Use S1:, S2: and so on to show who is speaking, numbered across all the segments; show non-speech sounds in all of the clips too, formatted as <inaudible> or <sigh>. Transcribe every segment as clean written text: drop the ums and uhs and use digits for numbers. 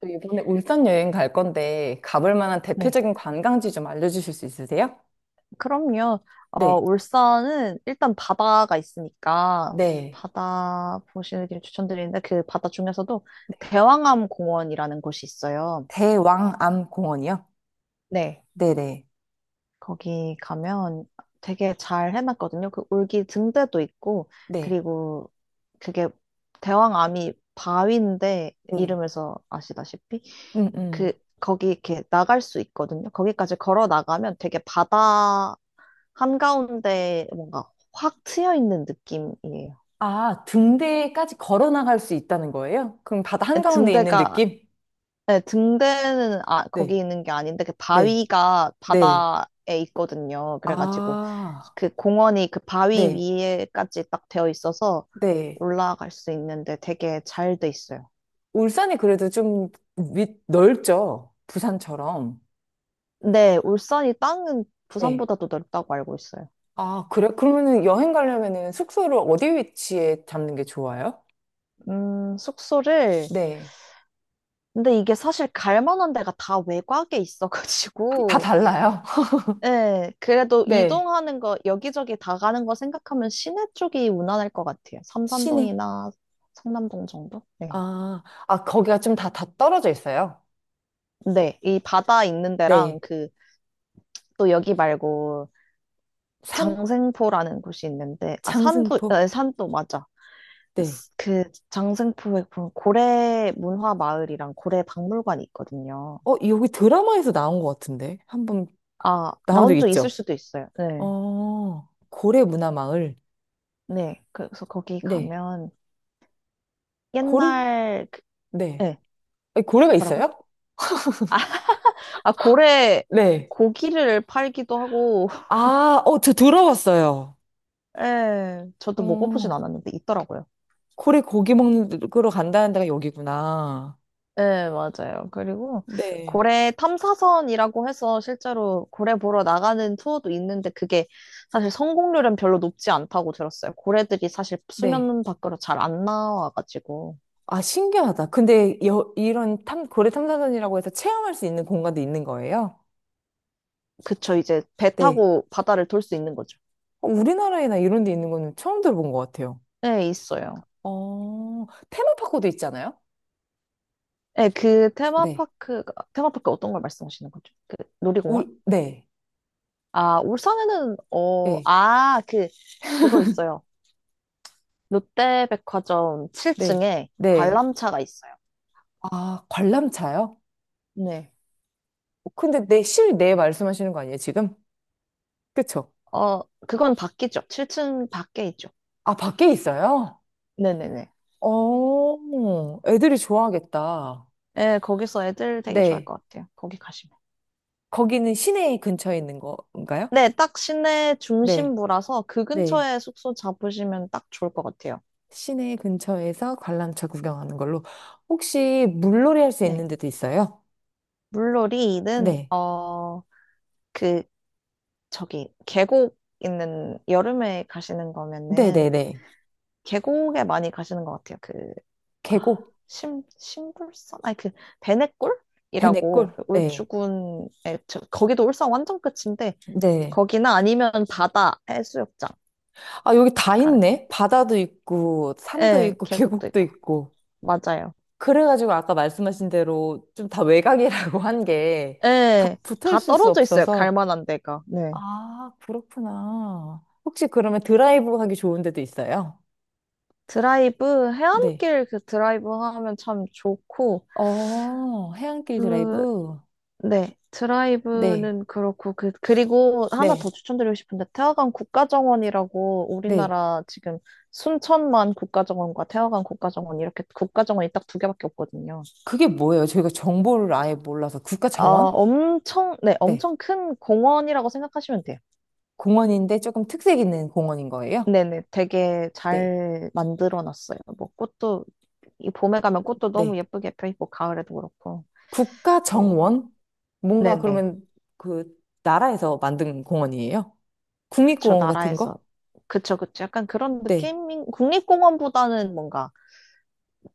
S1: 저 이번에 울산 여행 갈 건데 가볼 만한
S2: 네.
S1: 대표적인 관광지 좀 알려주실 수 있으세요?
S2: 그럼요.
S1: 네,
S2: 울산은 일단 바다가 있으니까
S1: 네.
S2: 바다 보시는 길 추천드리는데 그 바다 중에서도 대왕암 공원이라는 곳이 있어요.
S1: 대왕암 공원이요?
S2: 네.
S1: 네네.
S2: 거기 가면 되게 잘 해놨거든요. 그 울기 등대도 있고
S1: 네,
S2: 그리고 그게 대왕암이 바위인데
S1: 네.
S2: 이름에서 아시다시피
S1: 음,
S2: 그
S1: 음.
S2: 거기 이렇게 나갈 수 있거든요. 거기까지 걸어 나가면 되게 바다 한가운데 뭔가 확 트여 있는 느낌이에요.
S1: 아, 등대까지 걸어 나갈 수 있다는 거예요? 그럼 바다
S2: 네,
S1: 한가운데 있는
S2: 등대가,
S1: 느낌?
S2: 네, 등대는 거기
S1: 네,
S2: 있는 게 아닌데, 그
S1: 네,
S2: 바위가
S1: 네.
S2: 바다에 있거든요. 그래가지고
S1: 아,
S2: 그 공원이 그 바위
S1: 네,
S2: 위에까지 딱 되어 있어서
S1: 네.
S2: 올라갈 수 있는데 되게 잘 돼 있어요.
S1: 울산이 그래도 좀 넓죠? 부산처럼.
S2: 네, 울산이 땅은
S1: 네.
S2: 부산보다도 넓다고 알고 있어요.
S1: 아, 그래? 그러면은 여행 가려면은 숙소를 어디 위치에 잡는 게 좋아요?
S2: 숙소를.
S1: 네.
S2: 근데 이게 사실 갈 만한 데가 다 외곽에
S1: 다
S2: 있어가지고,
S1: 달라요?
S2: 네,
S1: <laughs>
S2: 그래도
S1: 네.
S2: 이동하는 거, 여기저기 다 가는 거 생각하면 시내 쪽이 무난할 것 같아요.
S1: 시내.
S2: 삼산동이나 상남동 정도? 네.
S1: 거기가 좀 다 떨어져 있어요.
S2: 네, 이 바다 있는 데랑
S1: 네.
S2: 그, 또 여기 말고
S1: 산,
S2: 장생포라는 곳이 있는데, 산도,
S1: 장승포.
S2: 산도 맞아.
S1: 네.
S2: 그 장생포에 보면 고래 문화 마을이랑 고래 박물관이 있거든요.
S1: 어, 여기 드라마에서 나온 것 같은데. 한번 나온 적
S2: 나온 적 있을
S1: 있죠?
S2: 수도 있어요. 네.
S1: 어, 고래 문화마을.
S2: 네. 그래서 거기
S1: 네.
S2: 가면
S1: 고래?
S2: 옛날, 그,
S1: 네.
S2: 네,
S1: 아니, 고래가
S2: 뭐라고요?
S1: 있어요?
S2: 고래
S1: 네.
S2: 고기를 팔기도 하고, <laughs>
S1: 어, 저 들어봤어요.
S2: 예, 저도 먹어보진
S1: 어,
S2: 않았는데 있더라고요.
S1: 고래 고기 먹으러 간다는 데가 여기구나.
S2: 예, 맞아요. 그리고
S1: 네.
S2: 고래 탐사선이라고 해서 실제로 고래 보러 나가는 투어도 있는데 그게 사실 성공률은 별로 높지 않다고 들었어요. 고래들이 사실
S1: 네.
S2: 수면 밖으로 잘 안 나와가지고.
S1: 아, 신기하다. 근데 고래 탐사선이라고 해서 체험할 수 있는 공간도 있는 거예요?
S2: 그쵸, 이제 배
S1: 네.
S2: 타고 바다를 돌 수 있는 거죠.
S1: 어, 우리나라에나 이런 데 있는 거는 처음 들어본 것 같아요.
S2: 네, 있어요.
S1: 어, 테마파크도 있잖아요?
S2: 네, 그
S1: 네.
S2: 테마파크, 테마파크 어떤 걸 말씀하시는 거죠? 그 놀이공원?
S1: 네.
S2: 울산에는,
S1: 네.
S2: 그거 있어요. 롯데백화점
S1: 네.
S2: 7층에
S1: 네.
S2: 관람차가 있어요.
S1: 아, 관람차요?
S2: 네.
S1: 어, 근데 내 실내 말씀하시는 거 아니에요, 지금? 그쵸?
S2: 그건 밖이죠. 7층 밖에 있죠.
S1: 아, 밖에 있어요?
S2: 네네네.
S1: 어, 애들이 좋아하겠다.
S2: 예, 거기서 애들 되게 좋아할
S1: 네.
S2: 것 같아요. 거기 가시면.
S1: 거기는 시내 근처에 있는 건가요?
S2: 네, 딱 시내
S1: 네.
S2: 중심부라서 그
S1: 네.
S2: 근처에 숙소 잡으시면 딱 좋을 것 같아요.
S1: 시내 근처에서 관람차 구경하는 걸로. 혹시 물놀이 할 수 있는
S2: 네.
S1: 데도 있어요?
S2: 물놀이는,
S1: 네.
S2: 그, 저기, 계곡 있는, 여름에 가시는 거면은,
S1: 네네네.
S2: 계곡에 많이 가시는 것 같아요. 그, 아,
S1: 계곡,
S2: 심불선? 아니, 그,
S1: 배내골.
S2: 배내골이라고, 그
S1: 네.
S2: 울주군에, 거기도 울산 완전 끝인데,
S1: 네.
S2: 거기나 아니면 바다 해수욕장
S1: 아, 여기 다
S2: 가는 거.
S1: 있네. 바다도 있고, 산도
S2: 예,
S1: 있고,
S2: 계곡도
S1: 계곡도
S2: 있고.
S1: 있고.
S2: 맞아요.
S1: 그래가지고 아까 말씀하신 대로 좀 다 외곽이라고 한 게 다
S2: 예,
S1: 붙어
S2: 다
S1: 있을 수
S2: 떨어져 있어요. 갈
S1: 없어서.
S2: 만한 데가. 네.
S1: 아, 그렇구나. 혹시 그러면 드라이브 하기 좋은 데도 있어요?
S2: 드라이브,
S1: 네.
S2: 해안길 그 드라이브 하면 참 좋고,
S1: 어, 해안길
S2: 그,
S1: 드라이브?
S2: 네,
S1: 네.
S2: 드라이브는 그렇고, 그, 그리고 하나
S1: 네.
S2: 더 추천드리고 싶은데, 태화강 국가정원이라고
S1: 네.
S2: 우리나라 지금 순천만 국가정원과 태화강 국가정원 이렇게 국가정원이 딱 두 개밖에 없거든요.
S1: 그게 뭐예요? 저희가 정보를 아예 몰라서 국가 정원?
S2: 엄청, 네,
S1: 네.
S2: 엄청 큰 공원이라고 생각하시면 돼요.
S1: 공원인데 조금 특색 있는 공원인 거예요?
S2: 네네, 되게
S1: 네.
S2: 잘 만들어 놨어요. 뭐 꽃도, 이 봄에 가면 꽃도 너무
S1: 네.
S2: 예쁘게 펴 있고, 가을에도 그렇고,
S1: 국가
S2: 뭐,
S1: 정원? 뭔가
S2: 네네,
S1: 그러면 그 나라에서 만든 공원이에요?
S2: 그쵸,
S1: 국립공원 같은
S2: 나라에서.
S1: 거?
S2: 그쵸, 그쵸. 약간 그런
S1: 네.
S2: 느낌인, 국립공원보다는 뭔가,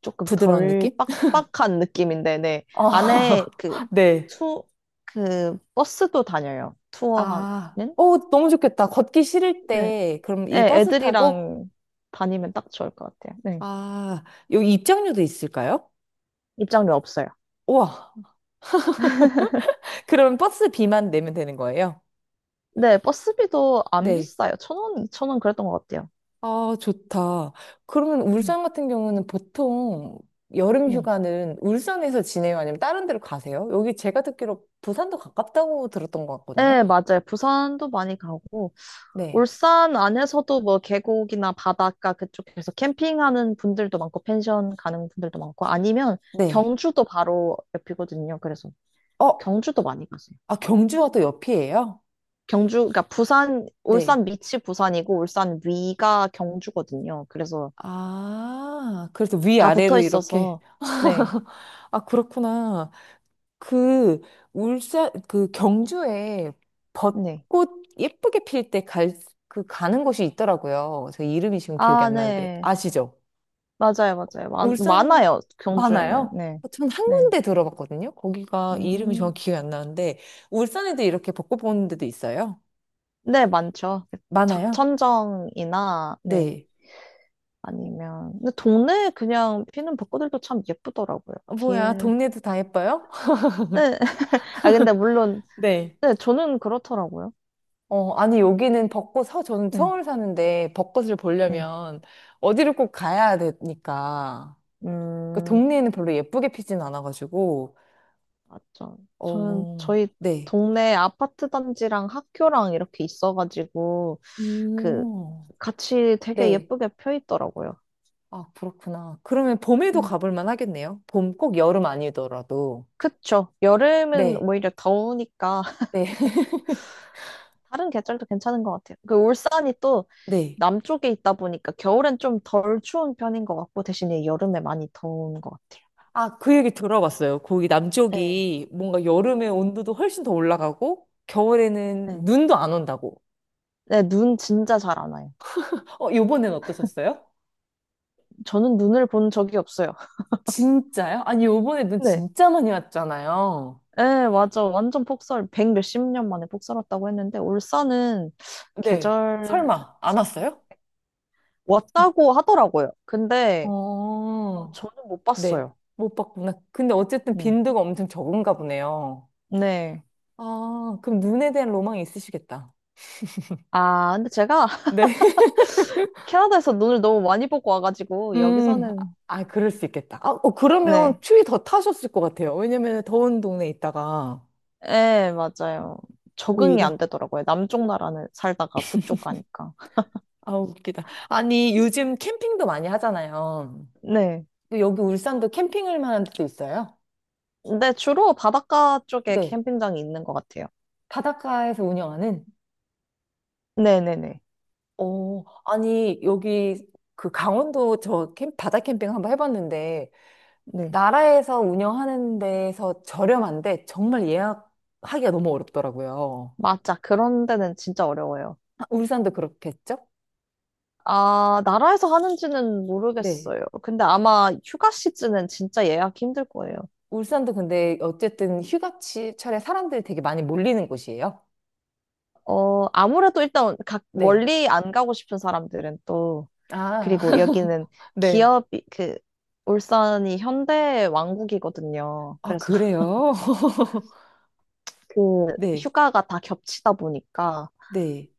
S2: 조금
S1: 부드러운
S2: 덜
S1: 느낌?
S2: 빡빡한 느낌인데, 네. 안에
S1: 아,
S2: 그,
S1: <laughs> 네.
S2: 투, 그, 버스도 다녀요. 투어하는?
S1: 아, 오, 너무 좋겠다. 걷기 싫을
S2: 네.
S1: 때, 그럼
S2: 네,
S1: 이 버스 타고?
S2: 애들이랑 다니면 딱 좋을 것 같아요. 네.
S1: 아, 여기 입장료도 있을까요?
S2: 입장료 없어요.
S1: 우와. <laughs> 그럼 버스 비만 내면 되는 거예요?
S2: 네, 버스비도 안
S1: 네.
S2: 비싸요. 1,000원, 2,000원 그랬던 것 같아요.
S1: 아, 좋다. 그러면
S2: 음,
S1: 울산 같은 경우는 보통 여름
S2: 네.
S1: 휴가는 울산에서 지내요? 아니면 다른 데로 가세요? 여기 제가 듣기로 부산도 가깝다고 들었던 것 같거든요.
S2: 네, 맞아요. 부산도 많이 가고,
S1: 네.
S2: 울산 안에서도 뭐 계곡이나 바닷가 그쪽에서 캠핑하는 분들도 많고, 펜션 가는 분들도 많고, 아니면
S1: 네.
S2: 경주도 바로 옆이거든요. 그래서
S1: 어,
S2: 경주도 많이 가세요.
S1: 아, 경주와 또 옆이에요?
S2: 경주, 그러니까 부산,
S1: 네.
S2: 울산 밑이 부산이고 울산 위가 경주거든요. 그래서
S1: 아, 그래서
S2: 다 붙어
S1: 위아래로 이렇게.
S2: 있어서 네,
S1: 아, 그렇구나. 그, 울산, 그 경주에
S2: 네.
S1: 벚꽃 예쁘게 그 가는 곳이 있더라고요. 저 이름이 지금 기억이 안 나는데.
S2: 네.
S1: 아시죠?
S2: 맞아요, 맞아요.
S1: 울산
S2: 많아요, 경주에는.
S1: 많아요?
S2: 네,
S1: 전 한
S2: 네.
S1: 군데 들어봤거든요. 거기가 이름이
S2: 음,
S1: 정확히 기억이 안 나는데 울산에도 이렇게 벚꽃 보는 데도 있어요.
S2: 네, 많죠. 그
S1: 많아요?
S2: 작천정이나 네.
S1: 네.
S2: 아니면 근데 동네 그냥 피는 벚꽃들도 참 예쁘더라고요.
S1: 어, 뭐야,
S2: 길.
S1: 동네도 다 예뻐요? <laughs>
S2: 네. <laughs> 아 근데 물론
S1: 네.
S2: 네, 저는 그렇더라고요.
S1: 어, 아니 여기는 벚꽃 서 저는
S2: 네,
S1: 서울 사는데 벚꽃을
S2: 네.
S1: 보려면 어디를 꼭 가야 되니까 그
S2: 음.
S1: 동네에는 별로 예쁘게 피진 않아가지고
S2: 맞죠. 저는
S1: 어,
S2: 저희
S1: 네.
S2: 동네 아파트 단지랑 학교랑 이렇게 있어가지고 그
S1: 음,
S2: 같이 되게
S1: 네.
S2: 예쁘게 펴 있더라고요.
S1: 아, 그렇구나. 그러면 봄에도
S2: 음,
S1: 가볼 만하겠네요. 봄 꼭 여름 아니더라도.
S2: 그쵸. 여름은
S1: 네,
S2: 오히려 더우니까 <laughs>
S1: 네, <laughs>
S2: 다른 계절도 괜찮은 것 같아요. 그 울산이 또
S1: 네.
S2: 남쪽에 있다 보니까 겨울엔 좀 덜 추운 편인 것 같고 대신에 여름에 많이 더운 것 같아요.
S1: 아, 그 얘기 들어봤어요. 거기
S2: 네.
S1: 남쪽이 뭔가 여름에 온도도 훨씬 더 올라가고, 겨울에는
S2: 네.
S1: 눈도 안 온다고.
S2: 네, 눈 진짜 잘 안 와요.
S1: 어, 요번엔 어떠셨어요?
S2: 저는 눈을 본 적이 없어요. <laughs>
S1: 진짜요? 아니, 요번에 눈
S2: 네.
S1: 진짜 많이 왔잖아요.
S2: 예, 맞아. 완전 폭설, 백 몇 십 년 만에 폭설 왔다고 했는데, 울산은
S1: 네.
S2: 계절,
S1: 설마, 안
S2: 상-
S1: 왔어요?
S2: 왔다고 하더라고요. 근데
S1: 어,
S2: 저는 못
S1: 네.
S2: 봤어요.
S1: 못 봤구나. 근데 어쨌든
S2: 네.
S1: 빈도가 엄청 적은가 보네요.
S2: 네.
S1: 아, 그럼 눈에 대한 로망이 있으시겠다.
S2: 근데 제가 <laughs>
S1: 네.
S2: 캐나다에서 눈을 너무 많이 보고 와가지고,
S1: 음,
S2: 여기서는,
S1: 아, 그럴 수 있겠다.
S2: 네.
S1: 그러면 추위 더 타셨을 것 같아요. 왜냐면 더운 동네에 있다가
S2: 예, 맞아요. 적응이 안
S1: 오히려.
S2: 되더라고요. 남쪽 나라는 살다가 북쪽 가니까.
S1: 아, 웃기다. 아니, 요즘 캠핑도 많이 하잖아요.
S2: 네.
S1: 또 여기 울산도 캠핑을 만한 데도 있어요?
S2: 근데 주로 바닷가 쪽에
S1: 네.
S2: 캠핑장이 있는 것 같아요.
S1: 바닷가에서 운영하는?
S2: 네네네.
S1: 어, 아니, 여기 바다 캠핑 한번 해봤는데,
S2: 네.
S1: 나라에서 운영하는 데에서 저렴한데, 정말 예약하기가 너무 어렵더라고요.
S2: 맞아. 그런 데는 진짜 어려워요.
S1: 아, 울산도 그렇겠죠?
S2: 나라에서 하는지는
S1: 네.
S2: 모르겠어요. 근데 아마 휴가 시즌은 진짜 예약 힘들 거예요.
S1: 울산도 근데 어쨌든 휴가철에 사람들이 되게 많이 몰리는 곳이에요.
S2: 아무래도 일단 각
S1: 네.
S2: 멀리 안 가고 싶은 사람들은 또,
S1: 아,
S2: 그리고 여기는
S1: <laughs> 네.
S2: 기업이, 그, 울산이 현대 왕국이거든요.
S1: 아,
S2: 그래서 <laughs>
S1: 그래요? <laughs>
S2: 그
S1: 네,
S2: 휴가가 다 겹치다 보니까
S1: 네.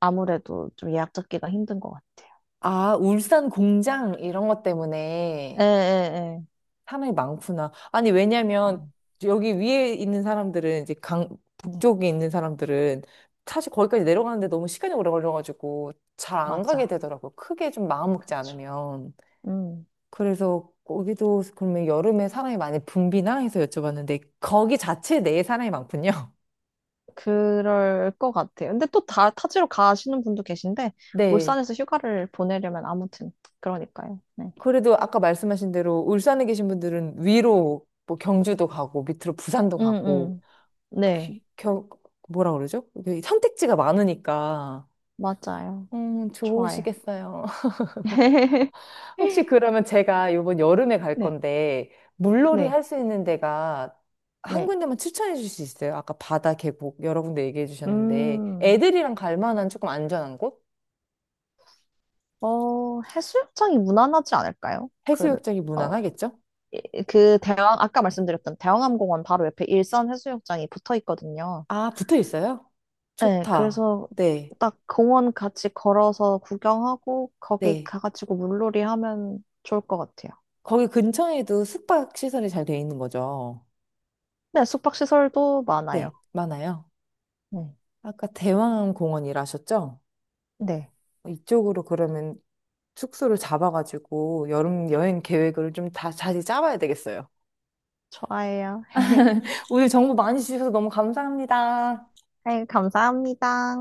S2: 아무래도 좀 예약 잡기가 힘든 것 같아요.
S1: 아, 울산 공장 이런 것
S2: 예,
S1: 때문에
S2: 예, 예.
S1: 사람이 많구나. 아니,
S2: 아,
S1: 왜냐면 여기 위에 있는 사람들은 이제 강,
S2: 네,
S1: 북쪽에 있는 사람들은 사실 거기까지 내려가는데 너무 시간이 오래 걸려가지고 잘 안 가게
S2: 맞아.
S1: 되더라고요. 크게 좀 마음 먹지
S2: 그쵸.
S1: 않으면.
S2: 음.
S1: 그래서 거기도 그러면 여름에 사람이 많이 붐비나 해서 여쭤봤는데 거기 자체 내에 사람이 많군요. <laughs>
S2: 그럴 것 같아요. 근데 또 타지로 가시는 분도 계신데,
S1: 네.
S2: 울산에서 휴가를 보내려면 아무튼, 그러니까요. 네.
S1: 그래도 아까 말씀하신 대로 울산에 계신 분들은 위로 뭐 경주도 가고 밑으로 부산도
S2: 음,
S1: 가고
S2: 음. 네.
S1: 이 겨, 뭐라 그러죠? 이게 선택지가 많으니까
S2: 맞아요. 좋아요.
S1: 좋으시겠어요. 혹시
S2: <laughs>
S1: 그러면 제가 이번 여름에 갈
S2: 네.
S1: 건데, 물놀이
S2: 네.
S1: 할 수 있는 데가 한
S2: 네.
S1: 군데만 추천해 줄 수 있어요? 아까 바다, 계곡 여러 군데 얘기해 주셨는데,
S2: 음,
S1: 애들이랑 갈 만한 조금 안전한 곳?
S2: 해수욕장이 무난하지 않을까요? 그,
S1: 해수욕장이
S2: 어,
S1: 무난하겠죠?
S2: 그 아까 말씀드렸던 대왕암공원 바로 옆에 일산 해수욕장이 붙어 있거든요.
S1: 아, 붙어 있어요?
S2: 네,
S1: 좋다.
S2: 그래서
S1: 네,
S2: 딱 공원 같이 걸어서 구경하고 거기
S1: 네.
S2: 가가지고 물놀이 하면 좋을 것 같아요.
S1: 거기 근처에도 숙박 시설이 잘 돼 있는 거죠?
S2: 네, 숙박시설도 많아요.
S1: 네, 많아요.
S2: 네,
S1: 아까 대왕공원이라 하셨죠?
S2: 네,
S1: 이쪽으로 그러면 숙소를 잡아가지고 여름 여행 계획을 좀 다 자세히 짜봐야 되겠어요.
S2: 좋아요.
S1: 오늘 정보 많이 주셔서 너무 감사합니다.
S2: 네, 감사합니다.